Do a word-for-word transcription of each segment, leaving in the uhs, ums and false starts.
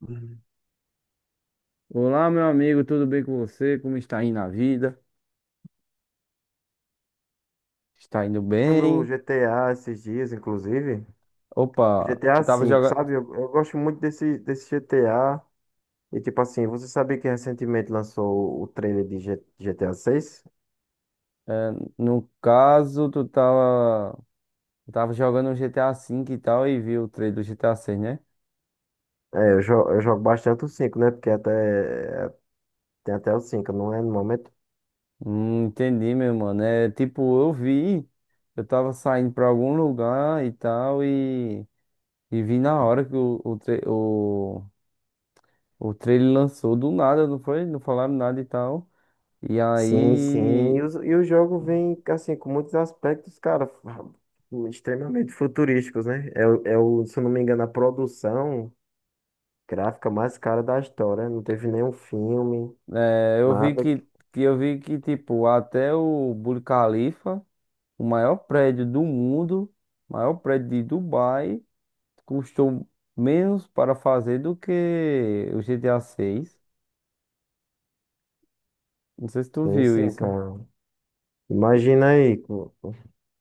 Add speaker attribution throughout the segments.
Speaker 1: Uhum.
Speaker 2: Olá, meu amigo, tudo bem com você? Como está indo a vida? Está indo
Speaker 1: No
Speaker 2: bem?
Speaker 1: G T A esses dias, inclusive,
Speaker 2: Opa,
Speaker 1: GTA
Speaker 2: tu tava
Speaker 1: V,
Speaker 2: jogando.
Speaker 1: sabe? Eu, eu gosto muito desse, desse G T A. E tipo assim, você sabia que recentemente lançou o trailer de G- GTA VI?
Speaker 2: No caso, tu tava, tu tava jogando um G T A V e tal e viu o trailer do G T A seis, né?
Speaker 1: É, eu, jo- eu jogo bastante o cinco, né? Porque até, é, tem até o cinco, não é no momento?
Speaker 2: Hum, entendi, meu mano. É tipo, eu vi, eu tava saindo pra algum lugar e tal e, e vi na hora que o, o, tra- o, o trailer lançou do nada, não foi? Não falaram nada e tal. E
Speaker 1: Sim, sim.
Speaker 2: aí.
Speaker 1: E, os- e o jogo vem, assim, com muitos aspectos, cara, fu- extremamente futurísticos, né? É, o, é o- se eu não me engano, a produção gráfica mais cara da história. Não teve nenhum filme.
Speaker 2: É, eu vi
Speaker 1: Nada
Speaker 2: que, que eu vi que tipo até o Burj Khalifa, o maior prédio do mundo, maior prédio de Dubai, custou menos para fazer do que o G T A seis. Não sei se tu
Speaker 1: Sim,
Speaker 2: viu
Speaker 1: sim,
Speaker 2: isso.
Speaker 1: cara. Imagina aí. co-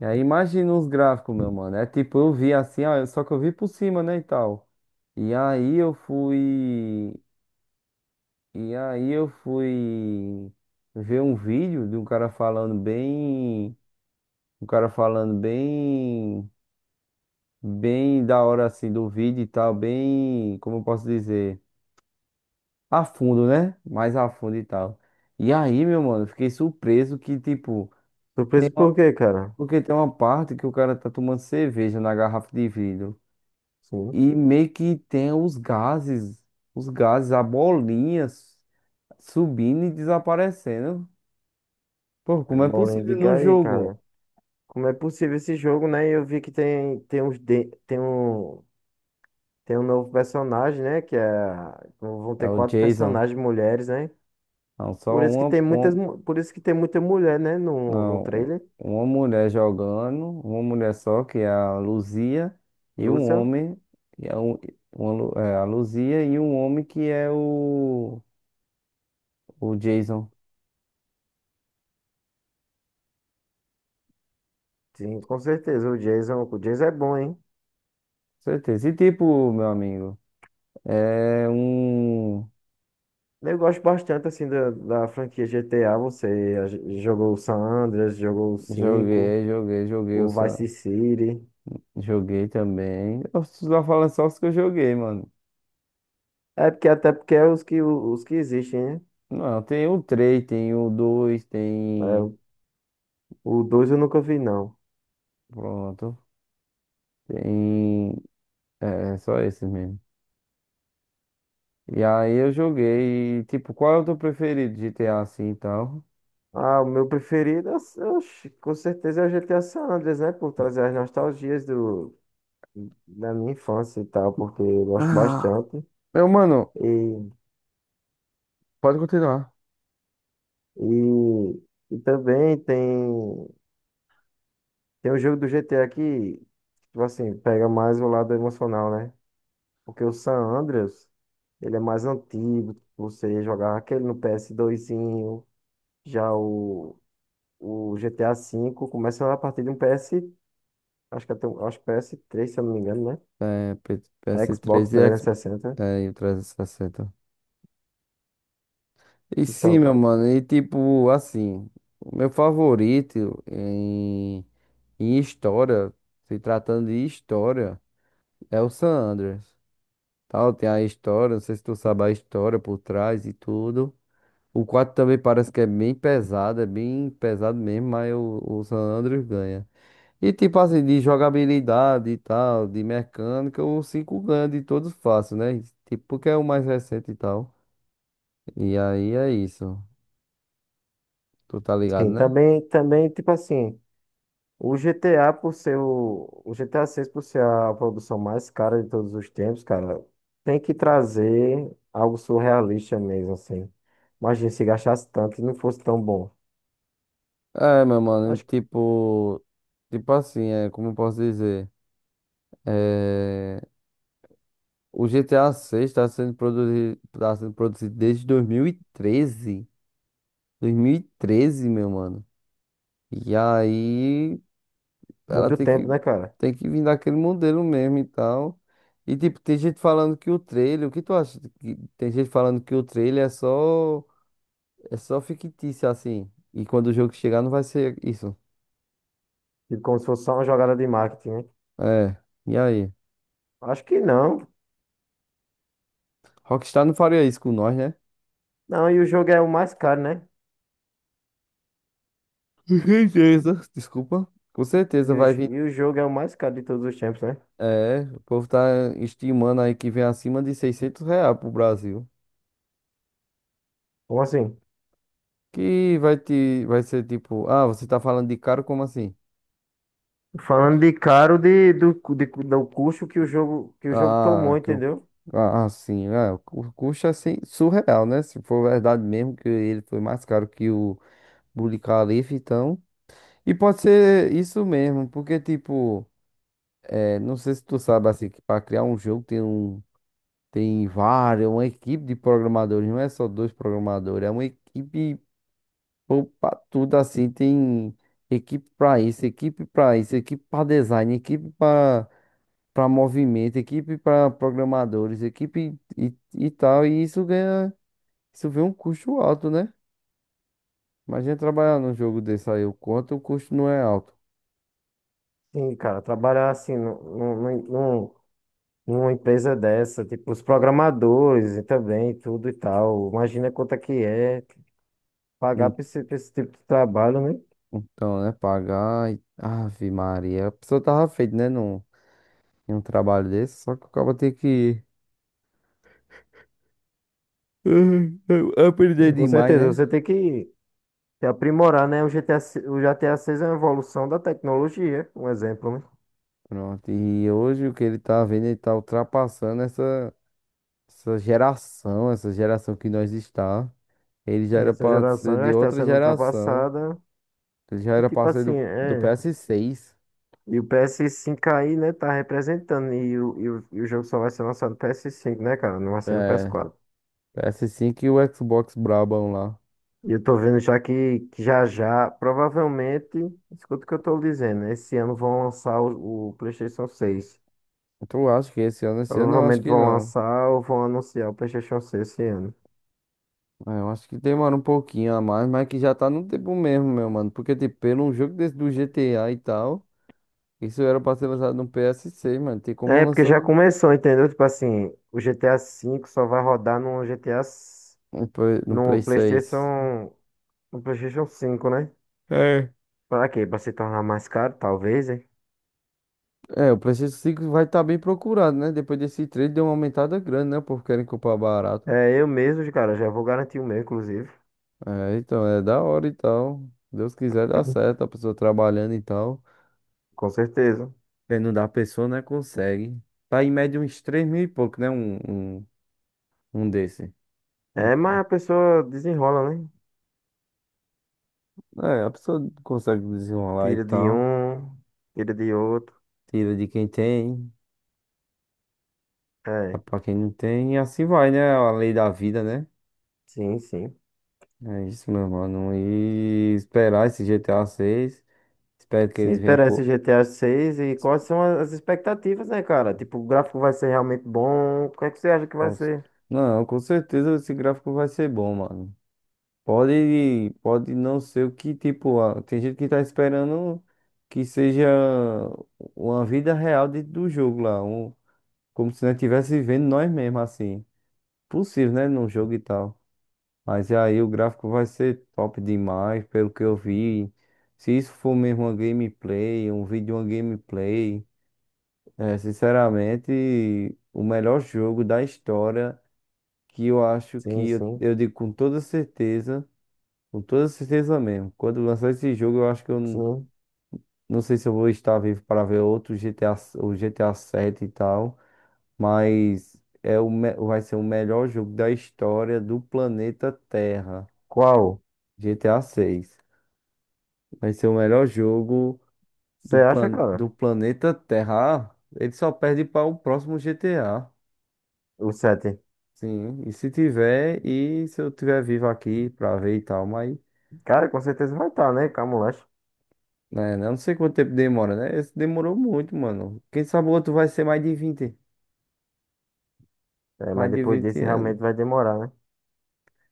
Speaker 2: E aí imagina os gráficos, meu mano. É tipo, eu vi assim, ah, só que eu vi por cima, né, e tal. E aí eu fui e aí eu fui ver um vídeo de um cara falando bem, um cara falando bem bem da hora assim do vídeo e tal, bem, como eu posso dizer, a fundo, né? Mais a fundo e tal. E aí, meu mano, fiquei surpreso que, tipo,
Speaker 1: Surpreso por quê, cara?
Speaker 2: porque tem uma parte que o cara tá tomando cerveja na garrafa de vidro
Speaker 1: Sim.
Speaker 2: e meio que tem os gases, os gases, a bolinha s- subindo e desaparecendo. Pô,
Speaker 1: É
Speaker 2: como é
Speaker 1: bolinha
Speaker 2: possível
Speaker 1: de
Speaker 2: no
Speaker 1: aí,
Speaker 2: jogo?
Speaker 1: cara. Como é possível esse jogo, né? Eu vi que tem, tem uns de- tem um tem um novo personagem, né? Que é Vão
Speaker 2: É
Speaker 1: ter
Speaker 2: o
Speaker 1: quatro
Speaker 2: Jason.
Speaker 1: personagens mulheres, né?
Speaker 2: Não, só
Speaker 1: Por isso que
Speaker 2: uma,
Speaker 1: tem muitas
Speaker 2: uma,
Speaker 1: mu- por isso que tem muita mulher, né? No, no
Speaker 2: não,
Speaker 1: trailer.
Speaker 2: uma mulher jogando, uma mulher só, que é a Luzia, e um
Speaker 1: Lúcia.
Speaker 2: homem, que é, um, uma Lu- é, a Luzia, e um homem que é o, o Jason. Com
Speaker 1: Sim, com certeza. O Jason, o Jason é bom, hein?
Speaker 2: certeza. E tipo, meu amigo, é um.
Speaker 1: Eu gosto bastante assim da, da franquia G T A. Você a- jogou o San Andreas, jogou o cinco,
Speaker 2: Joguei, joguei, joguei, eu
Speaker 1: o
Speaker 2: só...
Speaker 1: Vice City.
Speaker 2: joguei também. Eu só falo é só os que eu joguei, mano.
Speaker 1: É porque até porque é os que, os que existem, né?
Speaker 2: Não, tem o três, tem o dois, tem.
Speaker 1: É, o dois eu nunca vi, não.
Speaker 2: Pronto. Tem. É, é só esses mesmo. E aí eu joguei, tipo, qual é o teu preferido, G T A assim e tal?
Speaker 1: Ah, o meu preferido, eu- oxe, com certeza é o G T A San Andreas, né? Por trazer as nostalgias do, da minha infância e tal, porque eu gosto
Speaker 2: Ah,
Speaker 1: bastante.
Speaker 2: meu mano,
Speaker 1: E,
Speaker 2: pode continuar.
Speaker 1: e, e também tem, tem o jogo do G T A que, tipo assim, pega mais o lado emocional, né? Porque o San Andreas, ele é mais antigo, você jogava aquele no P S dois zinho. Já o, o G T A cinco começa a partir de um P S, acho que até, um- acho que P S três, se eu não me engano,
Speaker 2: É, P-
Speaker 1: né? Xbox
Speaker 2: PS3 e
Speaker 1: trezentos e
Speaker 2: Xbox,
Speaker 1: sessenta
Speaker 2: é, e o trezentos e sessenta. E sessenta. E sim,
Speaker 1: Então,
Speaker 2: meu
Speaker 1: cara.
Speaker 2: mano, e tipo, assim, o meu favorito em, em história, se tratando de história, é o San Andreas. Tal, tem a história, não sei se tu sabe a história por trás e tudo. O quatro também parece que é bem pesado, é bem pesado mesmo, mas o, o San Andreas ganha. E tipo assim, de jogabilidade e tal, de mecânica, o cinco ganha de todos fácil, né? Tipo, porque é o mais recente e tal. E aí é isso. Tu tá ligado,
Speaker 1: Sim,
Speaker 2: né?
Speaker 1: também, também, tipo assim, o G T A por ser o, o GTA seis, por ser a produção mais cara de todos os tempos, cara, tem que trazer algo surrealista mesmo, assim. Imagina se gastasse tanto e não fosse tão bom.
Speaker 2: É, meu mano,
Speaker 1: Acho que
Speaker 2: tipo. Tipo assim, é, como eu posso dizer? É, o G T A seis está sendo produzido, tá sendo produzido desde dois mil e treze. dois mil e treze, meu mano. E aí ela
Speaker 1: muito
Speaker 2: tem que,
Speaker 1: tempo, né, cara?
Speaker 2: tem que vir daquele modelo mesmo e tal. E tipo, tem gente falando que o trailer, o que tu acha? Que... tem gente falando que o trailer é só, é só fictício assim. E quando o jogo chegar não vai ser isso.
Speaker 1: Tipo, como se fosse só uma jogada de marketing, né?
Speaker 2: É, e aí?
Speaker 1: Acho que não.
Speaker 2: Rockstar não faria isso com nós, né?
Speaker 1: Não, e o jogo é o mais caro, né?
Speaker 2: Com certeza. Desculpa. Com certeza
Speaker 1: E o,
Speaker 2: vai
Speaker 1: j-
Speaker 2: vir.
Speaker 1: e o jogo é o mais caro de todos os tempos, né?
Speaker 2: É, o povo tá estimando aí que vem acima de seiscentos reais pro Brasil.
Speaker 1: Como assim?
Speaker 2: Que vai te, vai ser tipo, ah, você tá falando de caro, como assim?
Speaker 1: Falando de caro de, do, cu- de cu- do custo que o jogo, que o jogo tomou,
Speaker 2: Ah, que eu.
Speaker 1: entendeu?
Speaker 2: Ah, ah, sim. Ah, o cu- custo é assim, surreal, né? Se for verdade mesmo que ele foi mais caro que o Burj Khalifa, então. E pode ser isso mesmo, porque, tipo, é, não sei se tu sabe, assim, que para criar um jogo tem um. Tem várias, uma equipe de programadores, não é só dois programadores, é uma equipe para tudo assim, tem equipe para isso, equipe para isso, equipe para design, equipe para para movimento, equipe para programadores, equipe e, e tal, e isso ganha, isso vem um custo alto, né? Imagina trabalhar num jogo desse aí, o quanto o custo não é alto.
Speaker 1: Sim, cara, trabalhar assim num, num, num- numa empresa dessa, tipo, os programadores e também, tudo e tal. Imagina quanto é que é pagar
Speaker 2: En-
Speaker 1: pra esse, pra esse tipo de trabalho, né?
Speaker 2: então, né, pagar, e- Ave Maria, a pessoa tava feita, né, num, em um trabalho desse, só que o cara tem que eh, aprender
Speaker 1: Sim, com
Speaker 2: demais,
Speaker 1: certeza,
Speaker 2: né?
Speaker 1: você tem que se aprimorar, né? O G T A, se- O G T A seis é uma evolução da tecnologia, um exemplo, né?
Speaker 2: Pronto, e hoje o que ele tá vendo, ele tá ultrapassando essa, essa geração, essa geração que nós está. Ele já
Speaker 1: Sim,
Speaker 2: era
Speaker 1: essa
Speaker 2: pra
Speaker 1: geração
Speaker 2: ser
Speaker 1: já
Speaker 2: de
Speaker 1: está
Speaker 2: outra
Speaker 1: sendo
Speaker 2: geração.
Speaker 1: ultrapassada.
Speaker 2: Ele já
Speaker 1: E
Speaker 2: era
Speaker 1: tipo assim,
Speaker 2: parceiro do, do
Speaker 1: é.
Speaker 2: P S seis,
Speaker 1: E o P S cinco aí, né, tá representando. E o, e o, e o jogo só vai ser lançado no P S cinco, né, cara? Não vai ser no
Speaker 2: é,
Speaker 1: P S quatro.
Speaker 2: P S cinco e o Xbox Brabão lá.
Speaker 1: E eu tô vendo já que, que já já, provavelmente, escuta o que eu tô dizendo, né? Esse ano vão lançar o, o PlayStation seis.
Speaker 2: Então eu acho que esse ano? Esse ano eu acho
Speaker 1: Provavelmente
Speaker 2: que
Speaker 1: vão
Speaker 2: não.
Speaker 1: lançar ou vão anunciar o PlayStation seis esse ano.
Speaker 2: É, eu acho que demora um pouquinho a mais, mas que já tá no tempo mesmo, meu mano. Porque, tipo, pelo um jogo desse do G T A e tal, isso era pra ser lançado no P S seis, mano. Tem como
Speaker 1: É, porque
Speaker 2: lançar
Speaker 1: já
Speaker 2: no,
Speaker 1: começou, entendeu? Tipo assim, o G T A cinco só vai rodar no G T A, s-
Speaker 2: no Play no Play
Speaker 1: no
Speaker 2: seis.
Speaker 1: PlayStation, no PlayStation 5, né?
Speaker 2: É.
Speaker 1: Pra quê? Pra se tornar mais caro, talvez, hein.
Speaker 2: É, o PlayStation cinco vai estar bem procurado, né? Depois desse trade deu uma aumentada grande, né? O povo querem comprar barato.
Speaker 1: É eu mesmo, cara, já vou garantir o meu, inclusive.
Speaker 2: É, então, é da hora e tal. Deus quiser dá certo, a pessoa trabalhando e tal.
Speaker 1: Com certeza.
Speaker 2: Quem não dá, pessoa, né, consegue. Tá em média uns três mil e pouco, né, um, um, um desse. Um-
Speaker 1: É, mas a pessoa desenrola, né?
Speaker 2: é, a pessoa consegue desenrolar e
Speaker 1: Tira de
Speaker 2: tal.
Speaker 1: um, tira de outro.
Speaker 2: Tira de quem tem, dá
Speaker 1: É,
Speaker 2: pra quem não tem. E assim vai, né, a lei da vida, né?
Speaker 1: sim, sim.
Speaker 2: É isso, meu mano. E esperar esse G T G T A seis. Espero que
Speaker 1: Sim,
Speaker 2: ele venha
Speaker 1: esperar esse
Speaker 2: com...
Speaker 1: GTA seis e quais são as expectativas, né, cara? Tipo, o gráfico vai ser realmente bom? O que é que você acha que vai
Speaker 2: com-
Speaker 1: ser?
Speaker 2: não, com certeza esse gráfico vai ser bom, mano. Pode, pode não ser o que, tipo, a- tem gente que tá esperando que seja uma vida real dentro do jogo lá, um, como se nós estivesse vivendo nós mesmos, assim. Possível, né, num jogo e tal. Mas aí o gráfico vai ser top demais, pelo que eu vi. Se isso for mesmo uma gameplay, um vídeo, uma gameplay, é, sinceramente, o melhor jogo da história, que eu acho
Speaker 1: Sim,
Speaker 2: que, eu
Speaker 1: sim,
Speaker 2: eu digo com toda certeza. Com toda certeza mesmo. Quando lançar esse jogo, eu acho que eu n-
Speaker 1: sim.
Speaker 2: não sei se eu vou estar vivo para ver outro G T A, s- o G T A sete e tal, mas é o, me- vai ser o melhor jogo da história do planeta Terra.
Speaker 1: Qual?
Speaker 2: G T A seis. Vai ser o melhor jogo
Speaker 1: Você
Speaker 2: do,
Speaker 1: acha,
Speaker 2: plan,
Speaker 1: cara?
Speaker 2: do planeta Terra. Ah, ele só perde para o próximo G T A.
Speaker 1: O sete.
Speaker 2: Sim, e se tiver, e se eu tiver vivo aqui para ver e tal, mas
Speaker 1: Cara, com certeza vai estar, né? Camulacho.
Speaker 2: né? Eu não sei quanto tempo demora, né? Esse demorou muito, mano. Quem sabe o outro vai ser mais de vinte
Speaker 1: É,
Speaker 2: mais
Speaker 1: mas
Speaker 2: de
Speaker 1: depois
Speaker 2: vinte
Speaker 1: desse realmente
Speaker 2: anos.
Speaker 1: vai demorar, né?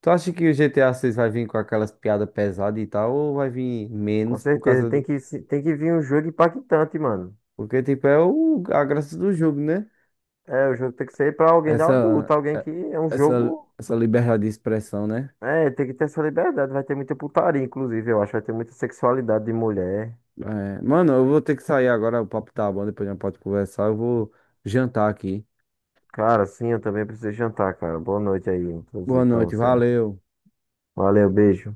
Speaker 2: Tu acha que o G T A seis vai vir com aquelas piadas pesadas e tal, ou vai vir
Speaker 1: Com
Speaker 2: menos por
Speaker 1: certeza.
Speaker 2: causa
Speaker 1: Tem
Speaker 2: do...
Speaker 1: que, se- Tem que vir um jogo impactante, mano.
Speaker 2: porque, tipo, é o... a graça do jogo, né?
Speaker 1: É, o jogo tem que ser pra alguém
Speaker 2: Essa,
Speaker 1: adulto, alguém
Speaker 2: é-
Speaker 1: que é um
Speaker 2: essa,
Speaker 1: jogo.
Speaker 2: essa liberdade de expressão, né?
Speaker 1: É, tem que ter essa liberdade. Vai ter muita putaria, inclusive, eu acho. Vai ter muita sexualidade de mulher.
Speaker 2: É, mano, eu vou ter que sair agora, o papo tá bom, depois a gente pode conversar, eu vou jantar aqui.
Speaker 1: Cara, sim, eu também preciso jantar, cara. Boa noite aí, inclusive,
Speaker 2: Boa
Speaker 1: pra
Speaker 2: noite,
Speaker 1: você.
Speaker 2: valeu.
Speaker 1: Valeu, beijo.